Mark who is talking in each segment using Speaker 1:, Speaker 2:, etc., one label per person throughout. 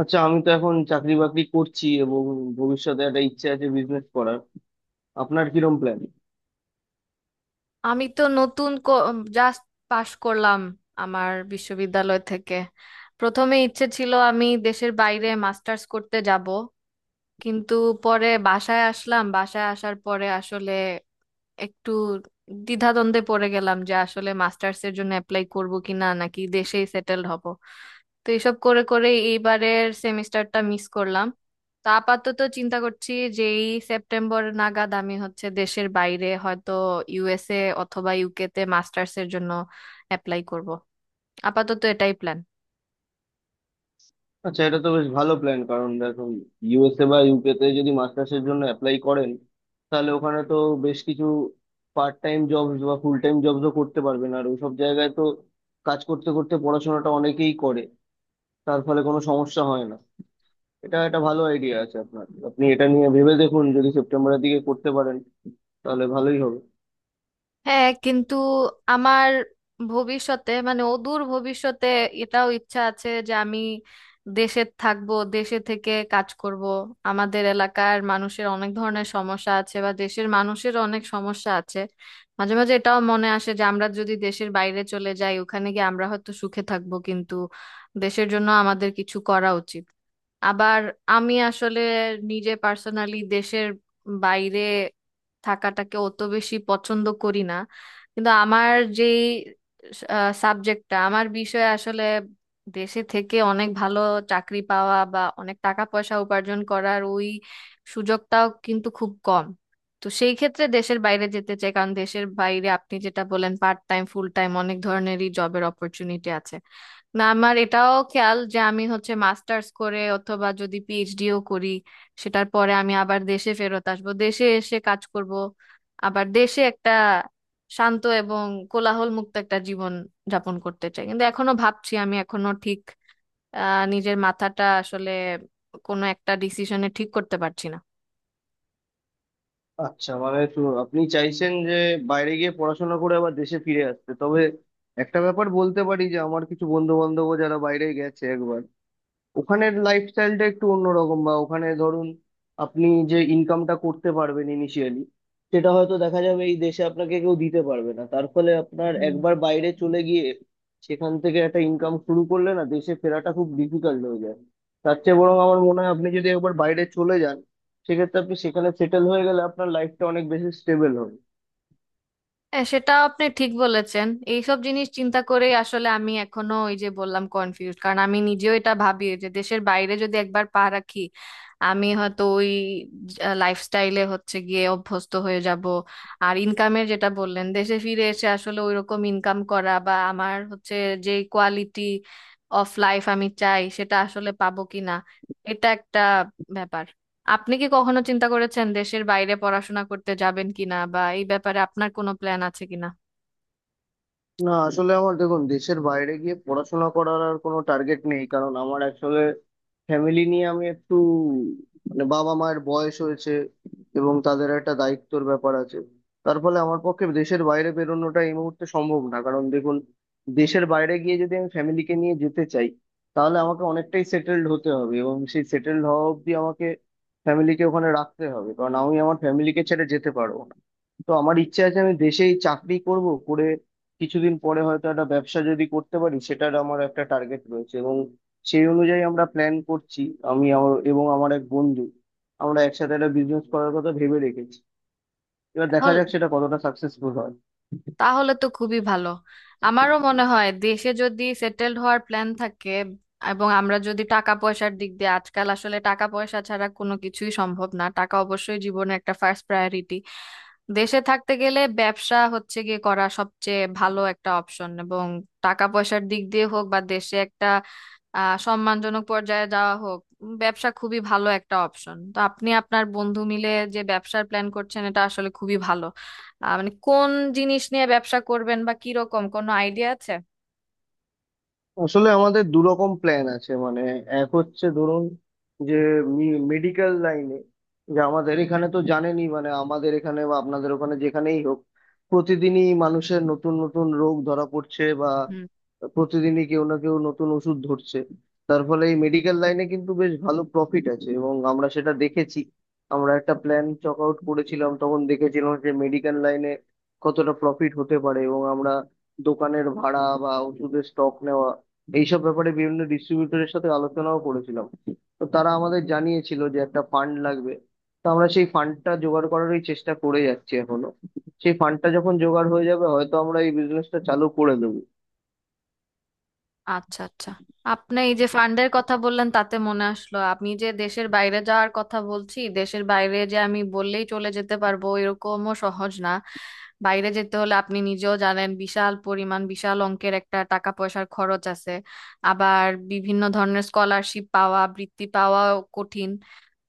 Speaker 1: আচ্ছা, আমি তো এখন চাকরি বাকরি করছি এবং ভবিষ্যতে একটা ইচ্ছে আছে বিজনেস করার। আপনার কিরম প্ল্যান?
Speaker 2: আমি তো নতুন জাস্ট পাশ করলাম আমার বিশ্ববিদ্যালয় থেকে। প্রথমে ইচ্ছে ছিল আমি দেশের বাইরে মাস্টার্স করতে যাব, কিন্তু পরে বাসায় আসলাম। বাসায় আসার পরে আসলে একটু দ্বিধাদ্বন্দ্বে পড়ে গেলাম যে আসলে মাস্টার্স এর জন্য অ্যাপ্লাই করব কি না নাকি দেশেই সেটেলড হব। তো এইসব করে করে এইবারের সেমিস্টারটা মিস করলাম। তো আপাতত চিন্তা করছি যে এই সেপ্টেম্বর নাগাদ আমি হচ্ছে দেশের বাইরে হয়তো ইউএসএ অথবা ইউকে তে মাস্টার্স এর জন্য অ্যাপ্লাই করব। আপাতত এটাই প্ল্যান।
Speaker 1: আচ্ছা, এটা তো বেশ ভালো প্ল্যান। কারণ দেখুন, ইউএসএ বা ইউকে তে যদি মাস্টার্স এর জন্য অ্যাপ্লাই করেন, তাহলে ওখানে তো বেশ কিছু পার্ট টাইম জবস বা ফুল টাইম জবসও করতে পারবেন। আর ওইসব জায়গায় তো কাজ করতে করতে পড়াশোনাটা অনেকেই করে, তার ফলে কোনো সমস্যা হয় না। এটা একটা ভালো আইডিয়া আছে আপনার, আপনি এটা নিয়ে ভেবে দেখুন। যদি সেপ্টেম্বরের দিকে করতে পারেন তাহলে ভালোই হবে।
Speaker 2: হ্যাঁ কিন্তু আমার ভবিষ্যতে মানে অদূর ভবিষ্যতে এটাও ইচ্ছা আছে যে আমি দেশে থাকবো, দেশে থেকে কাজ করব। আমাদের এলাকার মানুষের অনেক ধরনের সমস্যা আছে বা দেশের মানুষের অনেক সমস্যা আছে। মাঝে মাঝে এটাও মনে আসে যে আমরা যদি দেশের বাইরে চলে যাই ওখানে গিয়ে আমরা হয়তো সুখে থাকবো, কিন্তু দেশের জন্য আমাদের কিছু করা উচিত। আবার আমি আসলে নিজে পার্সোনালি দেশের বাইরে থাকাটাকে অত বেশি পছন্দ করি না। কিন্তু আমার যে সাবজেক্টটা, আমার বিষয়ে আসলে দেশে থেকে অনেক ভালো চাকরি পাওয়া বা অনেক টাকা পয়সা উপার্জন করার ওই সুযোগটাও কিন্তু খুব কম। তো সেই ক্ষেত্রে দেশের বাইরে যেতে চাই, কারণ দেশের বাইরে আপনি যেটা বলেন পার্ট টাইম ফুল টাইম অনেক ধরনেরই জবের অপরচুনিটি আছে। না আমার এটাও খেয়াল যে আমি হচ্ছে মাস্টার্স করে অথবা যদি পিএইচডিও করি সেটার পরে আমি আবার দেশে ফেরত আসবো, দেশে এসে কাজ করব। আবার দেশে একটা শান্ত এবং কোলাহল মুক্ত একটা জীবন যাপন করতে চাই, কিন্তু এখনো ভাবছি। আমি এখনো ঠিক নিজের মাথাটা আসলে কোনো একটা ডিসিশনে ঠিক করতে পারছি
Speaker 1: আচ্ছা, মানে তো আপনি চাইছেন যে বাইরে গিয়ে পড়াশোনা করে আবার দেশে ফিরে আসতে। তবে একটা ব্যাপার বলতে পারি, যে আমার কিছু বন্ধু বান্ধব যারা বাইরে গেছে একবার, ওখানের লাইফস্টাইলটা একটু অন্যরকম। বা ওখানে ধরুন আপনি যে ইনকামটা করতে পারবেন ইনিশিয়ালি, সেটা হয়তো দেখা যাবে এই দেশে আপনাকে কেউ দিতে পারবে না। তার ফলে আপনার
Speaker 2: না।
Speaker 1: একবার বাইরে চলে গিয়ে সেখান থেকে একটা ইনকাম শুরু করলে না, দেশে ফেরাটা খুব ডিফিকাল্ট হয়ে যায়। তার চেয়ে বরং আমার মনে হয় আপনি যদি একবার বাইরে চলে যান, সেক্ষেত্রে আপনি সেখানে সেটেল হয়ে গেলে আপনার লাইফটা অনেক বেশি স্টেবল হবে।
Speaker 2: হ্যাঁ, সেটা আপনি ঠিক বলেছেন। এইসব জিনিস চিন্তা করেই আসলে আমি এখনো, ওই যে বললাম, কনফিউজ, কারণ আমি নিজেও এটা ভাবি যে দেশের বাইরে যদি একবার পা রাখি আমি হয়তো ওই লাইফস্টাইলে হচ্ছে গিয়ে অভ্যস্ত হয়ে যাব। আর ইনকামের যেটা বললেন দেশে ফিরে এসে আসলে ওই রকম ইনকাম করা বা আমার হচ্ছে যে কোয়ালিটি অফ লাইফ আমি চাই সেটা আসলে পাবো কিনা, এটা একটা ব্যাপার। আপনি কি কখনো চিন্তা করেছেন দেশের বাইরে পড়াশোনা করতে যাবেন কিনা বা এই ব্যাপারে আপনার কোনো প্ল্যান আছে কিনা?
Speaker 1: না, আসলে আমার, দেখুন, দেশের বাইরে গিয়ে পড়াশোনা করার আর কোনো টার্গেট নেই। কারণ আমার আসলে ফ্যামিলি নিয়ে আমি একটু, মানে, বাবা মায়ের বয়স হয়েছে এবং তাদের একটা দায়িত্বর ব্যাপার আছে। তার ফলে আমার পক্ষে দেশের বাইরে বেরোনোটা এই মুহূর্তে সম্ভব না। কারণ দেখুন, দেশের বাইরে গিয়ে যদি আমি ফ্যামিলিকে নিয়ে যেতে চাই, তাহলে আমাকে অনেকটাই সেটেলড হতে হবে এবং সেই সেটেলড হওয়া অবধি আমাকে ফ্যামিলিকে ওখানে রাখতে হবে, কারণ আমি আমার ফ্যামিলিকে ছেড়ে যেতে পারবো না। তো আমার ইচ্ছা আছে আমি দেশেই চাকরি করব, করে কিছুদিন পরে হয়তো একটা ব্যবসা যদি করতে পারি, সেটার আমার একটা টার্গেট রয়েছে এবং সেই অনুযায়ী আমরা প্ল্যান করছি। আমি আমার এবং আমার এক বন্ধু, আমরা একসাথে একটা বিজনেস করার কথা ভেবে রেখেছি। এবার দেখা
Speaker 2: তাহল-
Speaker 1: যাক সেটা কতটা সাকসেসফুল হয়।
Speaker 2: তাহলে তো খুবই ভালো। আমারও মনে হয় দেশে যদি সেটেলড হওয়ার প্ল্যান থাকে এবং আমরা যদি টাকা পয়সার দিক দিয়ে, আজকাল আসলে টাকা পয়সা ছাড়া কোনো কিছুই সম্ভব না, টাকা অবশ্যই জীবনে একটা ফার্স্ট প্রায়োরিটি। দেশে থাকতে গেলে ব্যবসা হচ্ছে গিয়ে করা সবচেয়ে ভালো একটা অপশন। এবং টাকা পয়সার দিক দিয়ে হোক বা দেশে একটা সম্মানজনক পর্যায়ে যাওয়া হোক, ব্যবসা খুবই ভালো একটা অপশন। তো আপনি আপনার বন্ধু মিলে যে ব্যবসার প্ল্যান করছেন এটা আসলে খুবই ভালো। মানে কোন জিনিস নিয়ে ব্যবসা করবেন বা কিরকম কোনো আইডিয়া আছে?
Speaker 1: আসলে আমাদের দু রকম প্ল্যান আছে। মানে, এক হচ্ছে ধরুন, যে মেডিকেল লাইনে, যে আমাদের এখানে তো জানেনই, মানে আমাদের এখানে বা আপনাদের ওখানে যেখানেই হোক, প্রতিদিনই মানুষের নতুন নতুন রোগ ধরা পড়ছে বা
Speaker 2: হুম।
Speaker 1: প্রতিদিনই কেউ না কেউ নতুন ওষুধ ধরছে। তার ফলে এই মেডিকেল লাইনে কিন্তু বেশ ভালো প্রফিট আছে এবং আমরা সেটা দেখেছি। আমরা একটা প্ল্যান চক আউট করেছিলাম, তখন দেখেছিলাম যে মেডিকেল লাইনে কতটা প্রফিট হতে পারে। এবং আমরা দোকানের ভাড়া বা ওষুধের স্টক নেওয়া, এইসব ব্যাপারে বিভিন্ন ডিস্ট্রিবিউটরের সাথে আলোচনাও করেছিলাম। তো তারা আমাদের জানিয়েছিল যে একটা ফান্ড লাগবে। তো আমরা সেই ফান্ডটা জোগাড় করারই চেষ্টা করে যাচ্ছি এখনো। সেই ফান্ডটা যখন জোগাড় হয়ে যাবে, হয়তো আমরা এই বিজনেসটা চালু করে দেবো।
Speaker 2: আচ্ছা, আচ্ছা। আপনি এই যে ফান্ডের কথা বললেন তাতে মনে আসলো, আমি যে দেশের বাইরে যাওয়ার কথা বলছি, দেশের বাইরে যে আমি বললেই চলে যেতে পারবো এরকমও সহজ না। বাইরে যেতে হলে আপনি নিজেও জানেন বিশাল পরিমাণ বিশাল অঙ্কের একটা টাকা পয়সার খরচ আছে। আবার বিভিন্ন ধরনের স্কলারশিপ পাওয়া, বৃত্তি পাওয়াও কঠিন।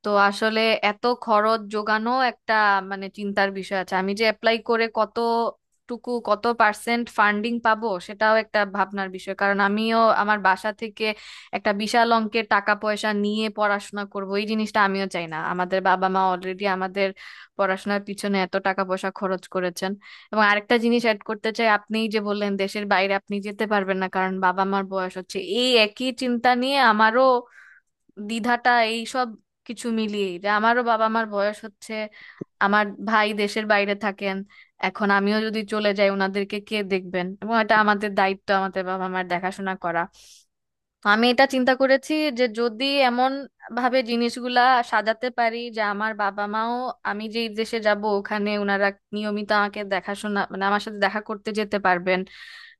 Speaker 2: তো আসলে এত খরচ যোগানো একটা মানে চিন্তার বিষয় আছে। আমি যে অ্যাপ্লাই করে কতটুকু কত পার্সেন্ট ফান্ডিং পাবো সেটাও একটা ভাবনার বিষয়, কারণ আমিও আমার বাসা থেকে একটা বিশাল অঙ্কের টাকা পয়সা নিয়ে পড়াশোনা করব এই জিনিসটা আমিও চাই না। আমাদের বাবা মা অলরেডি আমাদের পড়াশোনার পিছনে এত টাকা পয়সা খরচ করেছেন। এবং আরেকটা জিনিস অ্যাড করতে চাই, আপনিই যে বললেন দেশের বাইরে আপনি যেতে পারবেন না কারণ বাবা মার বয়স হচ্ছে, এই একই চিন্তা নিয়ে আমারও দ্বিধাটা। এই সব কিছু মিলিয়ে যে আমারও বাবা মার বয়স হচ্ছে, আমার ভাই দেশের বাইরে থাকেন, এখন আমিও যদি চলে যাই ওনাদেরকে কে দেখবেন? এবং এটা আমাদের দায়িত্ব আমাদের বাবা মার দেখাশোনা করা। তো আমি এটা চিন্তা করেছি যে যদি এমন ভাবে জিনিসগুলা সাজাতে পারি যে আমার বাবা মাও, আমি যেই দেশে যাব ওখানে ওনারা নিয়মিত আমাকে দেখাশোনা মানে আমার সাথে দেখা করতে যেতে পারবেন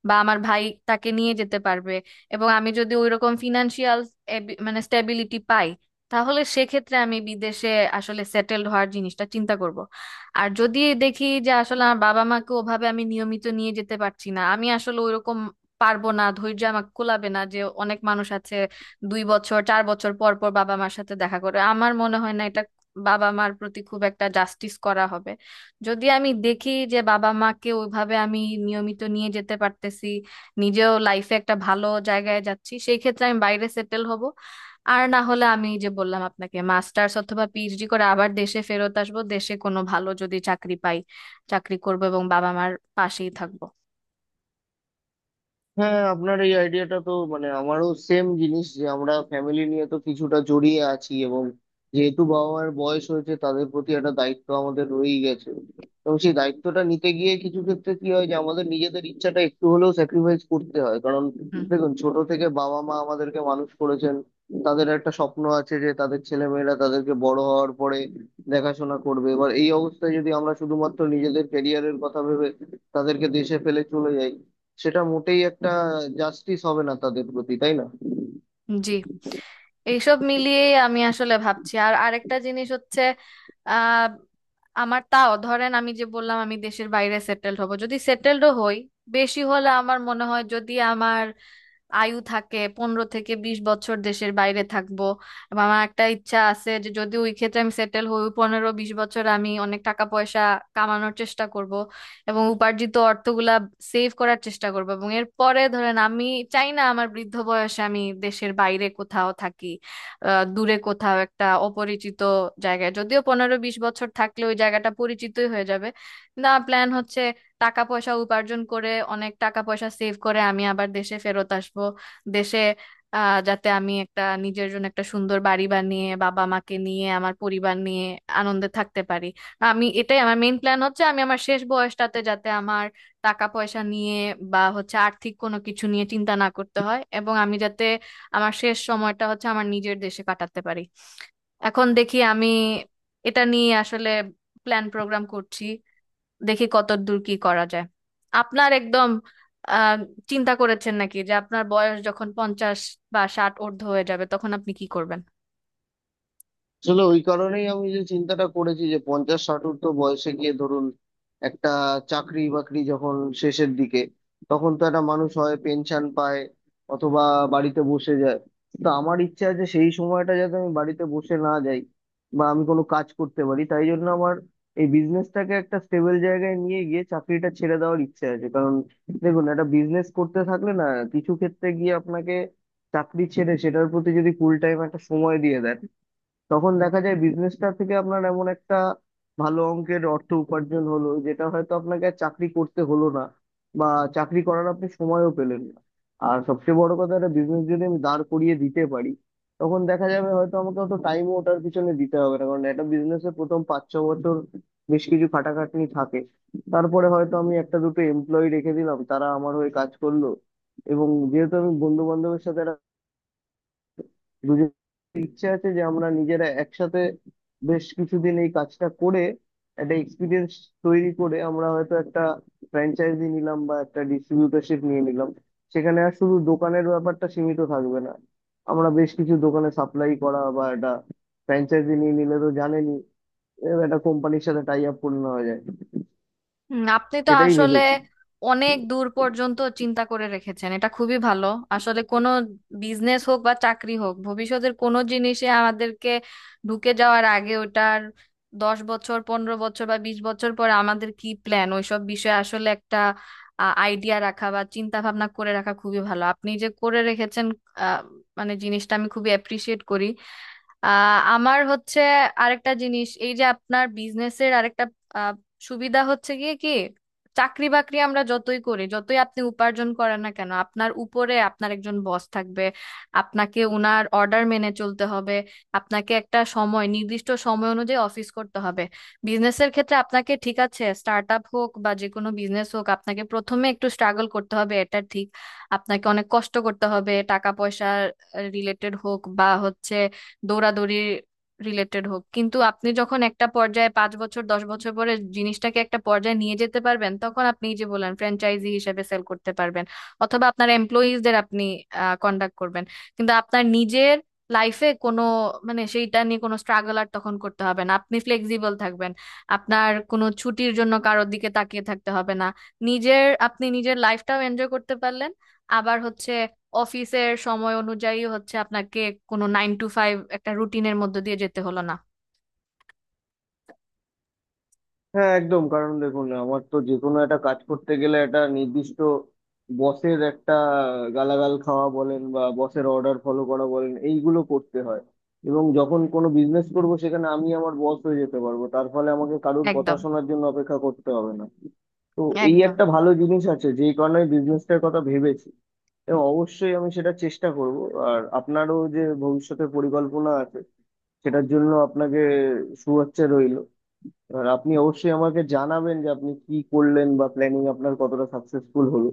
Speaker 2: বা আমার ভাই তাকে নিয়ে যেতে পারবে, এবং আমি যদি ওইরকম ফিনান্সিয়াল মানে স্টেবিলিটি পাই, তাহলে সেক্ষেত্রে আমি বিদেশে আসলে সেটেলড হওয়ার জিনিসটা চিন্তা করব। আর যদি দেখি যে আসলে আমার বাবা মাকে ওভাবে আমি নিয়মিত নিয়ে যেতে পারছি না, আমি আসলে ওইরকম পারবো না, ধৈর্য আমাকে কুলাবে না যে অনেক মানুষ আছে 2 বছর 4 বছর পর পর বাবা মার সাথে দেখা করে, আমার মনে হয় না এটা বাবা মার প্রতি খুব একটা জাস্টিস করা হবে। যদি আমি দেখি যে বাবা মাকে ওইভাবে আমি নিয়মিত নিয়ে যেতে পারতেছি, নিজেও লাইফে একটা ভালো জায়গায় যাচ্ছি, সেই ক্ষেত্রে আমি বাইরে সেটেল হব। আর না হলে আমি যে বললাম আপনাকে মাস্টার্স অথবা পিএইচডি করে আবার দেশে ফেরত আসবো, দেশে কোনো ভালো যদি চাকরি পাই চাকরি করব এবং বাবা মার পাশেই থাকবো।
Speaker 1: হ্যাঁ হ্যাঁ, আপনার এই আইডিয়াটা তো, মানে, আমারও সেম জিনিস। যে আমরা ফ্যামিলি নিয়ে তো কিছুটা জড়িয়ে আছি এবং যেহেতু বাবা মায়ের বয়স হয়েছে, তাদের প্রতি একটা দায়িত্ব আমাদের রয়েই গেছে। এবং সেই দায়িত্বটা নিতে গিয়ে কিছু ক্ষেত্রে কি হয়, যে আমাদের নিজেদের ইচ্ছাটা একটু হলেও স্যাক্রিফাইস করতে হয়। কারণ
Speaker 2: হুম।
Speaker 1: দেখুন, ছোট থেকে বাবা মা আমাদেরকে মানুষ করেছেন, তাদের একটা স্বপ্ন আছে যে তাদের ছেলেমেয়েরা তাদেরকে বড় হওয়ার পরে দেখাশোনা করবে। এবার এই অবস্থায় যদি আমরা শুধুমাত্র নিজেদের ক্যারিয়ারের কথা ভেবে তাদেরকে দেশে ফেলে চলে যাই, সেটা মোটেই একটা জাস্টিস হবে না তাদের প্রতি, তাই না?
Speaker 2: জি। এইসব মিলিয়ে আমি আসলে ভাবছি। আর আরেকটা জিনিস হচ্ছে, আহ আমার তাও, ধরেন আমি যে বললাম আমি দেশের বাইরে সেটেলড হব, যদি সেটেলডও হই, বেশি হলে আমার মনে হয়, যদি আমার আয়ু থাকে, 15 থেকে 20 বছর দেশের বাইরে থাকবো। এবং আমার একটা ইচ্ছা আছে যে যদি ওই ক্ষেত্রে আমি সেটেল হই, ওই 15-20 বছর আমি অনেক টাকা পয়সা কামানোর চেষ্টা করব এবং উপার্জিত অর্থগুলা সেভ করার চেষ্টা করব। এবং এরপরে ধরেন আমি চাই না আমার বৃদ্ধ বয়সে আমি দেশের বাইরে কোথাও থাকি, দূরে কোথাও একটা অপরিচিত জায়গায়, যদিও 15-20 বছর থাকলে ওই জায়গাটা পরিচিতই হয়ে যাবে। না, প্ল্যান হচ্ছে টাকা পয়সা উপার্জন করে অনেক টাকা পয়সা সেভ করে আমি আবার দেশে ফেরত আসবো। দেশে যাতে আমি একটা নিজের জন্য একটা সুন্দর বাড়ি বানিয়ে বাবা মাকে নিয়ে, আমার পরিবার নিয়ে আনন্দে থাকতে পারি। আমি এটাই আমার মেইন প্ল্যান হচ্ছে, আমি আমার শেষ বয়সটাতে যাতে আমার টাকা পয়সা নিয়ে বা হচ্ছে আর্থিক কোনো কিছু নিয়ে চিন্তা না করতে হয় এবং আমি যাতে আমার শেষ সময়টা হচ্ছে আমার নিজের দেশে কাটাতে পারি। এখন দেখি আমি এটা নিয়ে আসলে প্ল্যান প্রোগ্রাম করছি, দেখি কত দূর কি করা যায়। আপনার একদম আহ চিন্তা করেছেন নাকি যে আপনার বয়স যখন 50 বা 60 ঊর্ধ্ব হয়ে যাবে তখন আপনি কি করবেন?
Speaker 1: আসলে ওই কারণেই আমি যে চিন্তাটা করেছি, যে 50-60 ঊর্ধ্ব বয়সে গিয়ে ধরুন, একটা চাকরি বাকরি যখন শেষের দিকে, তখন তো একটা মানুষ হয় পেনশন পায়, অথবা বাড়িতে বসে যায়। তো আমার ইচ্ছা আছে সেই সময়টা যাতে আমি বাড়িতে বসে না যাই বা আমি কোনো কাজ করতে পারি, তাই জন্য আমার এই বিজনেসটাকে একটা স্টেবল জায়গায় নিয়ে গিয়ে চাকরিটা ছেড়ে দেওয়ার ইচ্ছে আছে। কারণ দেখুন, একটা বিজনেস করতে থাকলে না, কিছু ক্ষেত্রে গিয়ে আপনাকে চাকরি ছেড়ে সেটার প্রতি যদি ফুল টাইম একটা সময় দিয়ে দেন, তখন দেখা যায় বিজনেসটা থেকে আপনার এমন একটা ভালো অঙ্কের অর্থ উপার্জন হলো যেটা হয়তো আপনাকে আর চাকরি করতে হলো না বা চাকরি করার আপনি সময়ও পেলেন না। আর সবচেয়ে বড় কথা, একটা বিজনেস যদি আমি দাঁড় করিয়ে দিতে পারি, তখন দেখা যাবে হয়তো আমাকে অত টাইমও ওটার পিছনে দিতে হবে না, কারণ একটা বিজনেসের প্রথম 5-6 বছর বেশ কিছু খাটাখাটনি থাকে। তারপরে হয়তো আমি একটা দুটো এমপ্লয়ি রেখে দিলাম, তারা আমার হয়ে কাজ করলো। এবং যেহেতু আমি বন্ধু বান্ধবের সাথে, দুজনের ইচ্ছে আছে যে আমরা নিজেরা একসাথে বেশ কিছুদিন এই কাজটা করে একটা এক্সপিরিয়েন্স তৈরি করে আমরা হয়তো একটা ফ্র্যাঞ্চাইজি নিলাম বা একটা ডিস্ট্রিবিউটারশিপ নিয়ে নিলাম। সেখানে আর শুধু দোকানের ব্যাপারটা সীমিত থাকবে না, আমরা বেশ কিছু দোকানে সাপ্লাই করা বা একটা ফ্র্যাঞ্চাইজি নিয়ে নিলে তো জানেনই, এরকম একটা কোম্পানির সাথে টাই আপ করে নেওয়া যায়।
Speaker 2: হুম, আপনি তো
Speaker 1: সেটাই
Speaker 2: আসলে
Speaker 1: ভেবেছি।
Speaker 2: অনেক দূর পর্যন্ত চিন্তা করে রেখেছেন, এটা খুবই ভালো। আসলে কোনো বিজনেস হোক বা চাকরি হোক, ভবিষ্যতের কোনো জিনিসে আমাদেরকে ঢুকে যাওয়ার আগে ওটার 10 বছর, 15 বছর বা 20 বছর পরে আমাদের কি প্ল্যান ওইসব বিষয়ে আসলে একটা আইডিয়া রাখা বা চিন্তা ভাবনা করে রাখা খুবই ভালো। আপনি যে করে রেখেছেন আহ, মানে জিনিসটা আমি খুবই অ্যাপ্রিসিয়েট করি। আমার হচ্ছে আরেকটা জিনিস, এই যে আপনার বিজনেসের আরেকটা আহ, সুবিধা হচ্ছে গিয়ে কি, চাকরি বাকরি আমরা যতই করি, যতই আপনি উপার্জন করেন না কেন, আপনার উপরে আপনার একজন বস থাকবে। আপনাকে ওনার অর্ডার মেনে চলতে হবে। আপনাকে একটা সময়, নির্দিষ্ট সময় অনুযায়ী অফিস করতে হবে। বিজনেসের ক্ষেত্রে আপনাকে, ঠিক আছে স্টার্ট আপ হোক বা যে কোনো বিজনেস হোক, আপনাকে প্রথমে একটু স্ট্রাগল করতে হবে এটা ঠিক, আপনাকে অনেক কষ্ট করতে হবে, টাকা পয়সা রিলেটেড হোক বা হচ্ছে দৌড়াদৌড়ি রিলেটেড হোক, কিন্তু আপনি যখন একটা পর্যায়ে, 5 বছর 10 বছর পরে জিনিসটাকে একটা পর্যায়ে নিয়ে যেতে পারবেন, তখন আপনি যে বলেন ফ্র্যাঞ্চাইজি হিসেবে সেল করতে পারবেন অথবা আপনার এমপ্লয়িজদের আপনি কন্ডাক্ট করবেন। কিন্তু আপনার নিজের লাইফে কোনো, মানে সেইটা নিয়ে কোনো স্ট্রাগল আর তখন করতে হবে না, আপনি ফ্লেক্সিবল থাকবেন। আপনার কোনো ছুটির জন্য কারোর দিকে তাকিয়ে থাকতে হবে না। নিজের, আপনি নিজের লাইফটাও এনজয় করতে পারলেন। আবার হচ্ছে অফিসের সময় অনুযায়ী হচ্ছে আপনাকে কোনো 9টা-5টা একটা রুটিনের মধ্যে দিয়ে যেতে হলো না।
Speaker 1: হ্যাঁ, একদম। কারণ দেখুন, আমার তো যে কোনো একটা কাজ করতে গেলে একটা নির্দিষ্ট বসের একটা গালাগাল খাওয়া বলেন বা বসের অর্ডার ফলো করা বলেন, এইগুলো করতে হয়। এবং যখন কোনো বিজনেস করব, সেখানে আমি আমার বস হয়ে যেতে পারবো, তার ফলে আমাকে কারুর কথা
Speaker 2: একদম,
Speaker 1: শোনার জন্য অপেক্ষা করতে হবে না। তো এই
Speaker 2: একদম।
Speaker 1: একটা ভালো জিনিস আছে যেই কারণে বিজনেসটার কথা ভেবেছি, এবং অবশ্যই আমি সেটা চেষ্টা করব। আর আপনারও যে ভবিষ্যতের পরিকল্পনা আছে, সেটার জন্য আপনাকে শুভেচ্ছা রইল। এবার আপনি অবশ্যই আমাকে জানাবেন যে আপনি কি করলেন বা প্ল্যানিং আপনার কতটা সাকসেসফুল হলো।